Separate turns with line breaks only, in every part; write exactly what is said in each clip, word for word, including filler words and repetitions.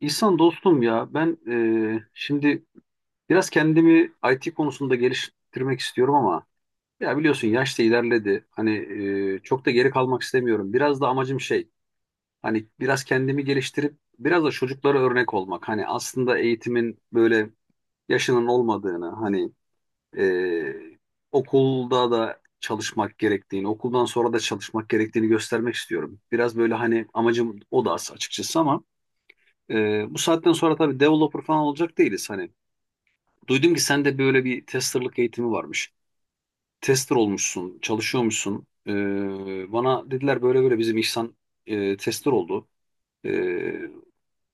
İhsan dostum, ya ben, e, şimdi biraz kendimi I T konusunda geliştirmek istiyorum ama ya biliyorsun, yaş da ilerledi. Hani e, çok da geri kalmak istemiyorum. Biraz da amacım şey, hani biraz kendimi geliştirip biraz da çocuklara örnek olmak. Hani aslında eğitimin böyle yaşının olmadığını, hani e, okulda da çalışmak gerektiğini, okuldan sonra da çalışmak gerektiğini göstermek istiyorum. Biraz böyle hani amacım o da, açıkçası. Ama ee, bu saatten sonra tabii developer falan olacak değiliz. Hani duydum ki sende böyle bir testerlık eğitimi varmış. Tester olmuşsun, çalışıyormuşsun. Ee, bana dediler böyle böyle, bizim İhsan e, tester oldu. Ee,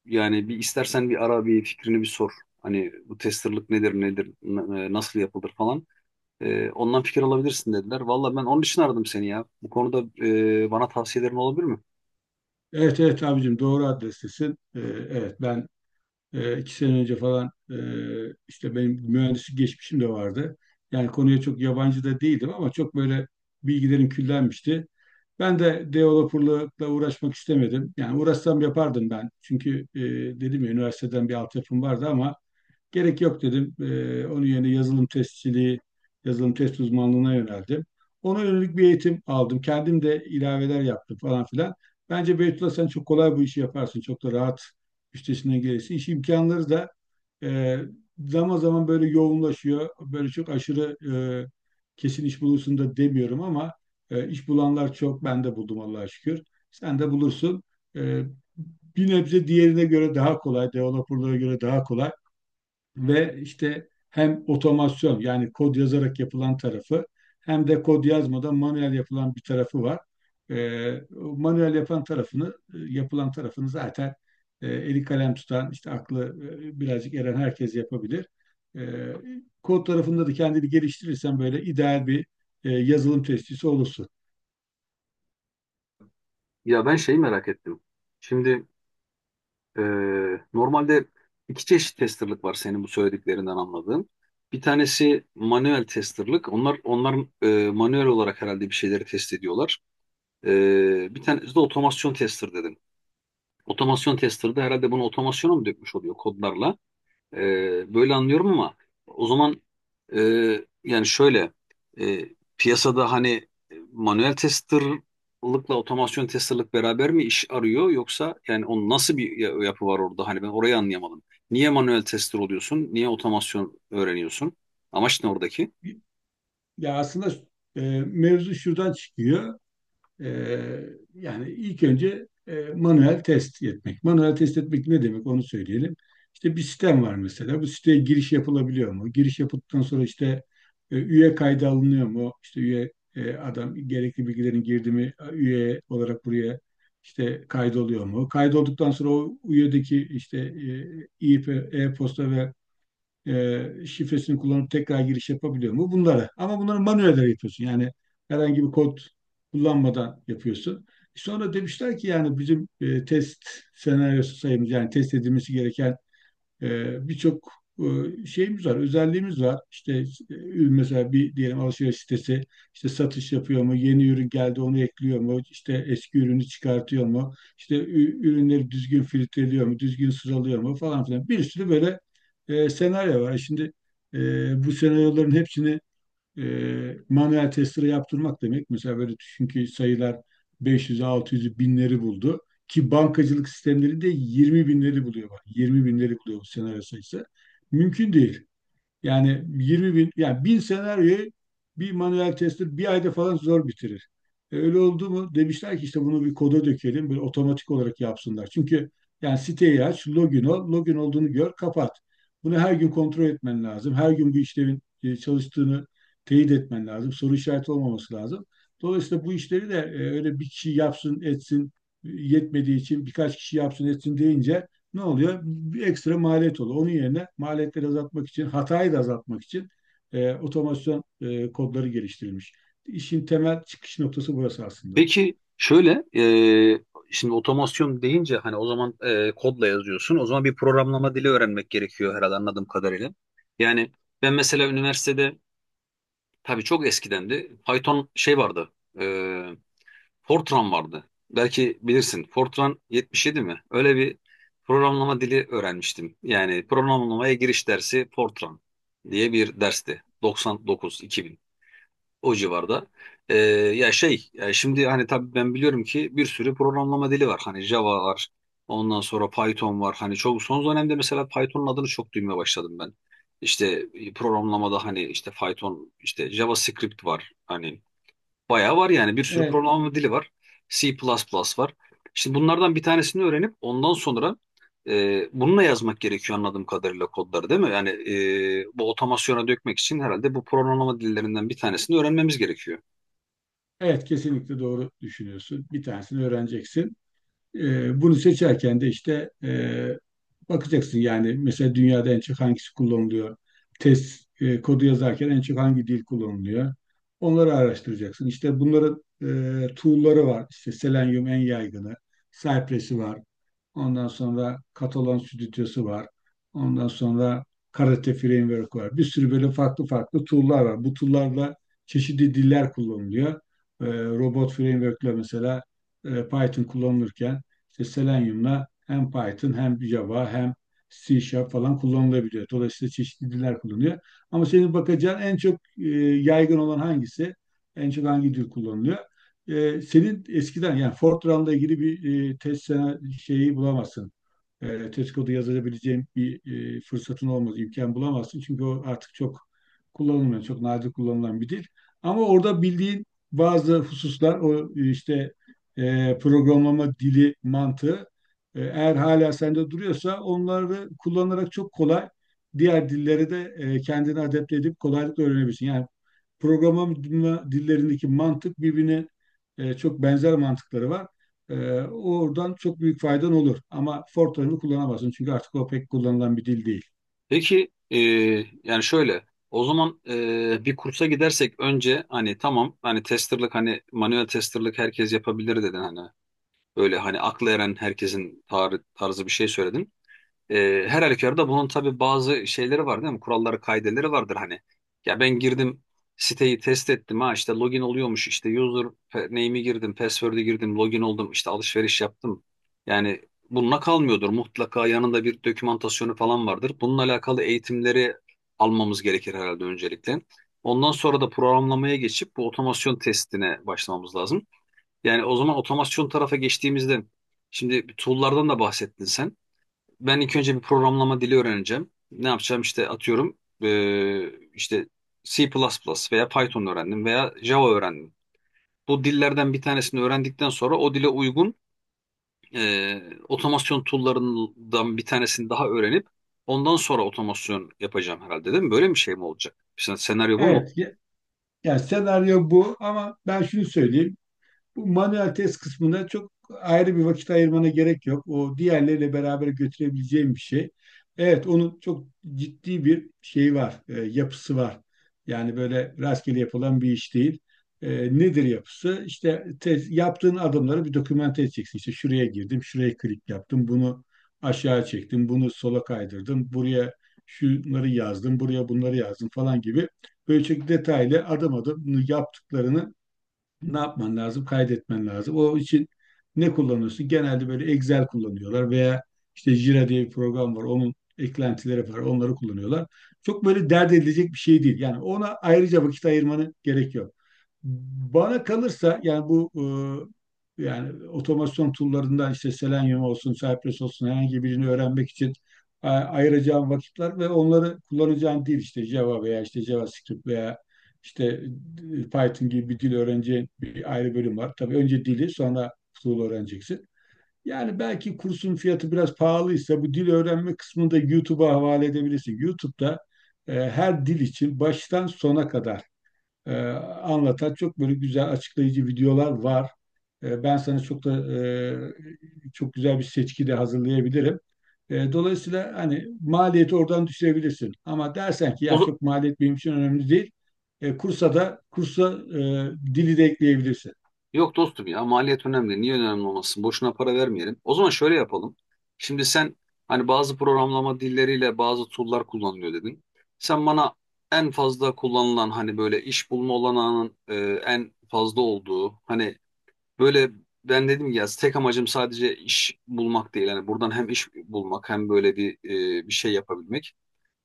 Yani bir istersen bir ara bir fikrini bir sor. Hani bu testerlık nedir nedir n- e, nasıl yapılır falan. Ee, ondan fikir alabilirsin dediler. Valla ben onun için aradım seni ya. Bu konuda e, bana tavsiyelerin olabilir mi?
Evet evet abicim doğru adrestesin. Ee, evet ben e, iki sene önce falan e, işte benim mühendislik geçmişim de vardı. Yani konuya çok yabancı da değildim ama çok böyle bilgilerim küllenmişti. Ben de developerlıkla uğraşmak istemedim. Yani uğraşsam yapardım ben. Çünkü e, dedim ya üniversiteden bir altyapım vardı ama gerek yok dedim. Ee, onun yerine yazılım testçiliği, yazılım test uzmanlığına yöneldim. Ona yönelik bir eğitim aldım. Kendim de ilaveler yaptım falan filan. Bence Beytullah sen çok kolay bu işi yaparsın. Çok da rahat üstesinden gelirsin. İş imkanları da e, zaman zaman böyle yoğunlaşıyor. Böyle çok aşırı e, kesin iş bulursun da demiyorum ama e, iş bulanlar çok. Ben de buldum Allah'a şükür. Sen de bulursun. E, Bir nebze diğerine göre daha kolay, developerlara göre daha kolay ve işte hem otomasyon yani kod yazarak yapılan tarafı hem de kod yazmadan manuel yapılan bir tarafı var. Ee, o manuel yapan tarafını yapılan tarafını zaten e, eli kalem tutan işte aklı e, birazcık eren herkes yapabilir. Ee, Kod tarafında da kendini geliştirirsen böyle ideal bir e, yazılım testisi olursun.
Ya ben şeyi merak ettim. Şimdi Ee, normalde iki çeşit testerlık var, senin bu söylediklerinden anladığım. Bir tanesi manuel testerlık. Onlar onlar e, manuel olarak herhalde bir şeyleri test ediyorlar. Ee, bir tanesi de otomasyon tester dedim. Otomasyon tester'da herhalde bunu otomasyona mı dökmüş oluyor kodlarla? Ee, böyle anlıyorum ama o zaman e, yani şöyle, e, piyasada hani e, manuel testerlıkla otomasyon testerlık beraber mi iş arıyor, yoksa yani onun nasıl bir ya- yapı var orada, hani ben orayı anlayamadım. Niye manuel tester oluyorsun? Niye otomasyon öğreniyorsun? Amaç ne oradaki?
Ya aslında e, mevzu şuradan çıkıyor. Ee, Yani ilk önce e, manuel test etmek. Manuel test etmek ne demek onu söyleyelim. İşte bir sistem var mesela. Bu siteye giriş yapılabiliyor mu? Giriş yapıldıktan sonra işte e, üye kaydı alınıyor mu? İşte üye e, adam gerekli bilgilerin girdi mi? Üye olarak buraya işte kaydoluyor mu? Kaydolduktan sonra o üyedeki işte e, e-posta ve e, şifresini kullanıp tekrar giriş yapabiliyor mu? Bunları. Ama bunları manuel olarak yapıyorsun. Yani herhangi bir kod kullanmadan yapıyorsun. Sonra demişler ki yani bizim e, test senaryosu sayımız yani test edilmesi gereken e, birçok e, şeyimiz var, özelliğimiz var. İşte e, mesela bir diyelim alışveriş sitesi işte satış yapıyor mu, yeni ürün geldi onu ekliyor mu, işte eski ürünü çıkartıyor mu, işte ü- ürünleri düzgün filtreliyor mu, düzgün sıralıyor mu falan filan. Bir sürü böyle e, senaryo var. Şimdi e, bu senaryoların hepsini e, manuel testere yaptırmak demek. Mesela böyle düşün ki sayılar beş yüzü, altı yüzü, binleri buldu. Ki bankacılık sistemleri de yirmi binleri buluyor. Bak, yirmi binleri buluyor bu senaryo sayısı. Mümkün değil. Yani yirmi bin, yani bin senaryoyu bir manuel tester bir ayda falan zor bitirir. E, öyle oldu mu? Demişler ki işte bunu bir koda dökelim, böyle otomatik olarak yapsınlar. Çünkü yani siteyi aç, login ol, login olduğunu gör, kapat. Bunu her gün kontrol etmen lazım. Her gün bu işlemin e, çalıştığını teyit etmen lazım. Soru işareti olmaması lazım. Dolayısıyla bu işleri de e, öyle bir kişi yapsın, etsin e, yetmediği için birkaç kişi yapsın, etsin deyince ne oluyor? Bir ekstra maliyet oluyor. Onun yerine maliyetleri azaltmak için, hatayı da azaltmak için e, otomasyon e, kodları geliştirilmiş. İşin temel çıkış noktası burası aslında.
Peki şöyle, e, şimdi otomasyon deyince hani o zaman e, kodla yazıyorsun. O zaman bir programlama dili öğrenmek gerekiyor herhalde, anladığım kadarıyla. Yani ben mesela üniversitede, tabii çok eskidendi, Python şey vardı. E, Fortran vardı. Belki bilirsin. Fortran yetmiş yedi mi? Öyle bir programlama dili öğrenmiştim. Yani programlamaya giriş dersi Fortran diye bir dersti. doksan dokuz-iki bin. O civarda. Ee, ya şey, ya şimdi hani tabii ben biliyorum ki bir sürü programlama dili var. Hani Java var. Ondan sonra Python var. Hani çok son dönemde mesela Python'un adını çok duymaya başladım ben. İşte e, programlamada hani işte Python, işte JavaScript var. Hani bayağı var yani, bir sürü
Evet,
programlama dili var. C++ var. Şimdi bunlardan bir tanesini öğrenip ondan sonra e, bununla yazmak gerekiyor anladığım kadarıyla, kodları değil mi? Yani e, bu otomasyona dökmek için herhalde bu programlama dillerinden bir tanesini öğrenmemiz gerekiyor.
evet kesinlikle doğru düşünüyorsun. Bir tanesini öğreneceksin. E, bunu seçerken de işte e, bakacaksın yani mesela dünyada en çok hangisi kullanılıyor? Test e, kodu yazarken en çok hangi dil kullanılıyor? Onları araştıracaksın. İşte bunların e, tool'ları var. İşte Selenium en yaygını, Cypress'i var. Ondan sonra Catalan Stüdyosu var. Ondan sonra Karate Framework var. Bir sürü böyle farklı farklı tool'lar var. Bu tool'larla çeşitli diller kullanılıyor. E, Robot framework'le mesela e, Python kullanılırken işte Selenium'la hem Python hem Java hem C Sharp falan kullanılabiliyor. Dolayısıyla çeşitli diller kullanılıyor. Ama senin bakacağın en çok e, yaygın olan hangisi? En çok hangi dil kullanılıyor? E, senin eskiden yani Fortran'la ilgili bir e, test sana şeyi bulamazsın. E, test kodu yazabileceğim bir e, fırsatın olmaz, imkan bulamazsın. Çünkü o artık çok kullanılmıyor, çok nadir kullanılan bir dil. Ama orada bildiğin bazı hususlar o işte e, programlama dili mantığı e, eğer hala sende duruyorsa onları kullanarak çok kolay diğer dillere de e, kendini adapte edip kolaylıkla öğrenebilirsin. Yani programlama dillerindeki mantık birbirine e, çok benzer mantıkları var. E, oradan çok büyük faydan olur. Ama Fortran'ı kullanamazsın çünkü artık o pek kullanılan bir dil değil.
Peki e, yani şöyle, o zaman e, bir kursa gidersek önce, hani tamam, hani testerlık, hani manuel testerlık herkes yapabilir dedin, hani öyle hani akla eren herkesin tar- tarzı bir şey söyledin. Ee, her halükarda bunun tabii bazı şeyleri var değil mi? Kuralları, kaideleri vardır hani. Ya ben girdim, siteyi test ettim, ha işte login oluyormuş, işte user pe- name'i girdim, password'ü girdim, login oldum, işte alışveriş yaptım. Yani bununla kalmıyordur. Mutlaka yanında bir dokümantasyonu falan vardır. Bununla alakalı eğitimleri almamız gerekir herhalde öncelikle. Ondan sonra da programlamaya geçip bu otomasyon testine başlamamız lazım. Yani o zaman otomasyon tarafa geçtiğimizde, şimdi tool'lardan da bahsettin sen, ben ilk önce bir programlama dili öğreneceğim. Ne yapacağım, işte atıyorum eee, işte C++ veya Python öğrendim veya Java öğrendim. Bu dillerden bir tanesini öğrendikten sonra o dile uygun eee, otomasyon tool'larından bir tanesini daha öğrenip ondan sonra otomasyon yapacağım herhalde değil mi? Böyle bir şey mi olacak? Sen- Senaryo bu mu?
Evet, ya, yani senaryo bu ama ben şunu söyleyeyim. Bu manuel test kısmına çok ayrı bir vakit ayırmana gerek yok. O diğerleriyle beraber götürebileceğim bir şey. Evet, onun çok ciddi bir şeyi var, e, yapısı var. Yani böyle rastgele yapılan bir iş değil. E, nedir yapısı? İşte tez, yaptığın adımları bir dokümante edeceksin. İşte şuraya girdim, şuraya klik yaptım, bunu aşağı çektim, bunu sola kaydırdım, buraya şunları yazdım, buraya bunları yazdım falan gibi. Böyle çok detaylı adım adım yaptıklarını ne yapman lazım? Kaydetmen lazım. O için ne kullanıyorsun? Genelde böyle Excel kullanıyorlar veya işte Jira diye bir program var. Onun eklentileri var. Onları kullanıyorlar. Çok böyle dert edilecek bir şey değil. Yani ona ayrıca vakit ayırmanı gerekiyor. Bana kalırsa yani bu e, yani otomasyon tool'larından işte Selenium olsun, Cypress olsun herhangi birini öğrenmek için e, ayıracağım vakitler ve onları kullanacağım değil işte Java veya işte JavaScript veya işte e, Python gibi bir dil öğreneceğin bir ayrı bölüm var. Tabii önce dili sonra tool öğreneceksin. Yani belki kursun fiyatı biraz pahalıysa bu dil öğrenme kısmını da YouTube'a havale edebilirsin. YouTube'da e, her dil için baştan sona kadar e, anlatan çok böyle güzel açıklayıcı videolar var. E, ben sana çok da e, çok güzel bir seçki de hazırlayabilirim. E, dolayısıyla hani maliyeti oradan düşürebilirsin. Ama dersen ki ya
O,
çok maliyet benim için önemli değil. E, kursa da kursa e, dili de ekleyebilirsin.
yok dostum ya, maliyet önemli. Niye önemli olmasın? Boşuna para vermeyelim. O zaman şöyle yapalım. Şimdi sen hani bazı programlama dilleriyle bazı tool'lar kullanılıyor dedin. Sen bana en fazla kullanılan, hani böyle iş bulma olanağının e, en fazla olduğu, hani böyle, ben dedim ya, tek amacım sadece iş bulmak değil. Hani buradan hem iş bulmak, hem böyle bir e, bir şey yapabilmek.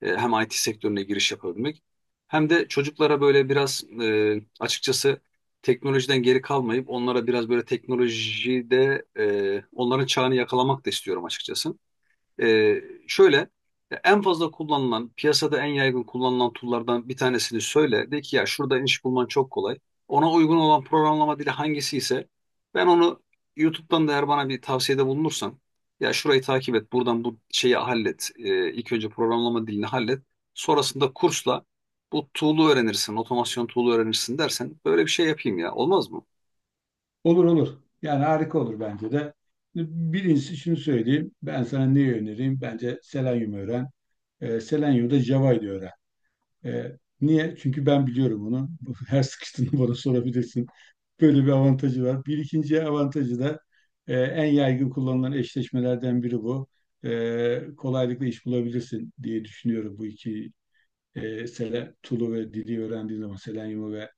E, hem I T sektörüne giriş yapabilmek, hem de çocuklara böyle biraz e, açıkçası teknolojiden geri kalmayıp onlara biraz böyle teknolojide e, onların çağını yakalamak da istiyorum açıkçası. Ee, şöyle, en fazla kullanılan, piyasada en yaygın kullanılan tool'lardan bir tanesini söyle. De ki ya şurada iş bulman çok kolay. Ona uygun olan programlama dili hangisi ise ben onu YouTube'dan da, eğer bana bir tavsiyede bulunursan, ya şurayı takip et, buradan bu şeyi hallet. Ee, ilk önce programlama dilini hallet. Sonrasında kursla bu tool'u öğrenirsin, otomasyon tool'u öğrenirsin dersen, böyle bir şey yapayım ya. Olmaz mı?
Olur olur. Yani harika olur bence de. Birincisi şunu söyleyeyim. Ben sana neyi önereyim? Bence Selenium öğren. E, Selenium'da Java'yı da öğren. E, Niye? Çünkü ben biliyorum onu. Her sıkıştığında bana sorabilirsin. Böyle bir avantajı var. Bir ikinci avantajı da e, en yaygın kullanılan eşleşmelerden biri bu. E, kolaylıkla iş bulabilirsin diye düşünüyorum bu iki e, sele, Tulu ve Dili öğrendiğin zaman, Selenium'u ve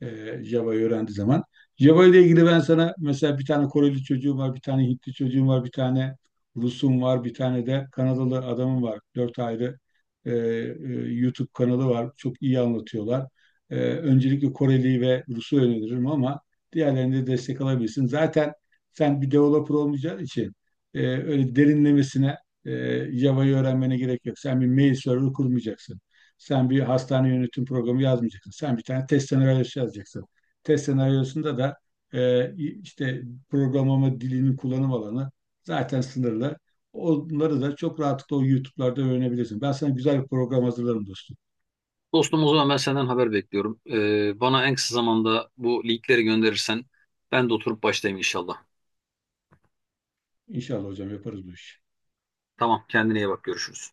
e, Java'yı öğrendiği zaman. Java ile ilgili ben sana mesela bir tane Koreli çocuğum var, bir tane Hintli çocuğum var, bir tane Rus'um var, bir tane de Kanadalı adamım var. Dört ayrı e, e, YouTube kanalı var. Çok iyi anlatıyorlar. E, öncelikle Koreli ve Rus'u öneririm ama diğerlerini de destek alabilirsin. Zaten sen bir developer olmayacağın için e, öyle derinlemesine e, Java'yı öğrenmene gerek yok. Sen bir mail server kurmayacaksın. Sen bir hastane yönetim programı yazmayacaksın. Sen bir tane test senaryosu yazacaksın. Test senaryosunda da e, işte programlama dilinin kullanım alanı zaten sınırlı. Onları da çok rahatlıkla o YouTube'larda öğrenebilirsin. Ben sana güzel bir program hazırlarım dostum.
Dostum, o zaman ben senden haber bekliyorum. Ee, bana en kısa zamanda bu linkleri gönderirsen ben de oturup başlayayım inşallah.
İnşallah hocam yaparız bu işi.
Tamam, kendine iyi bak, görüşürüz.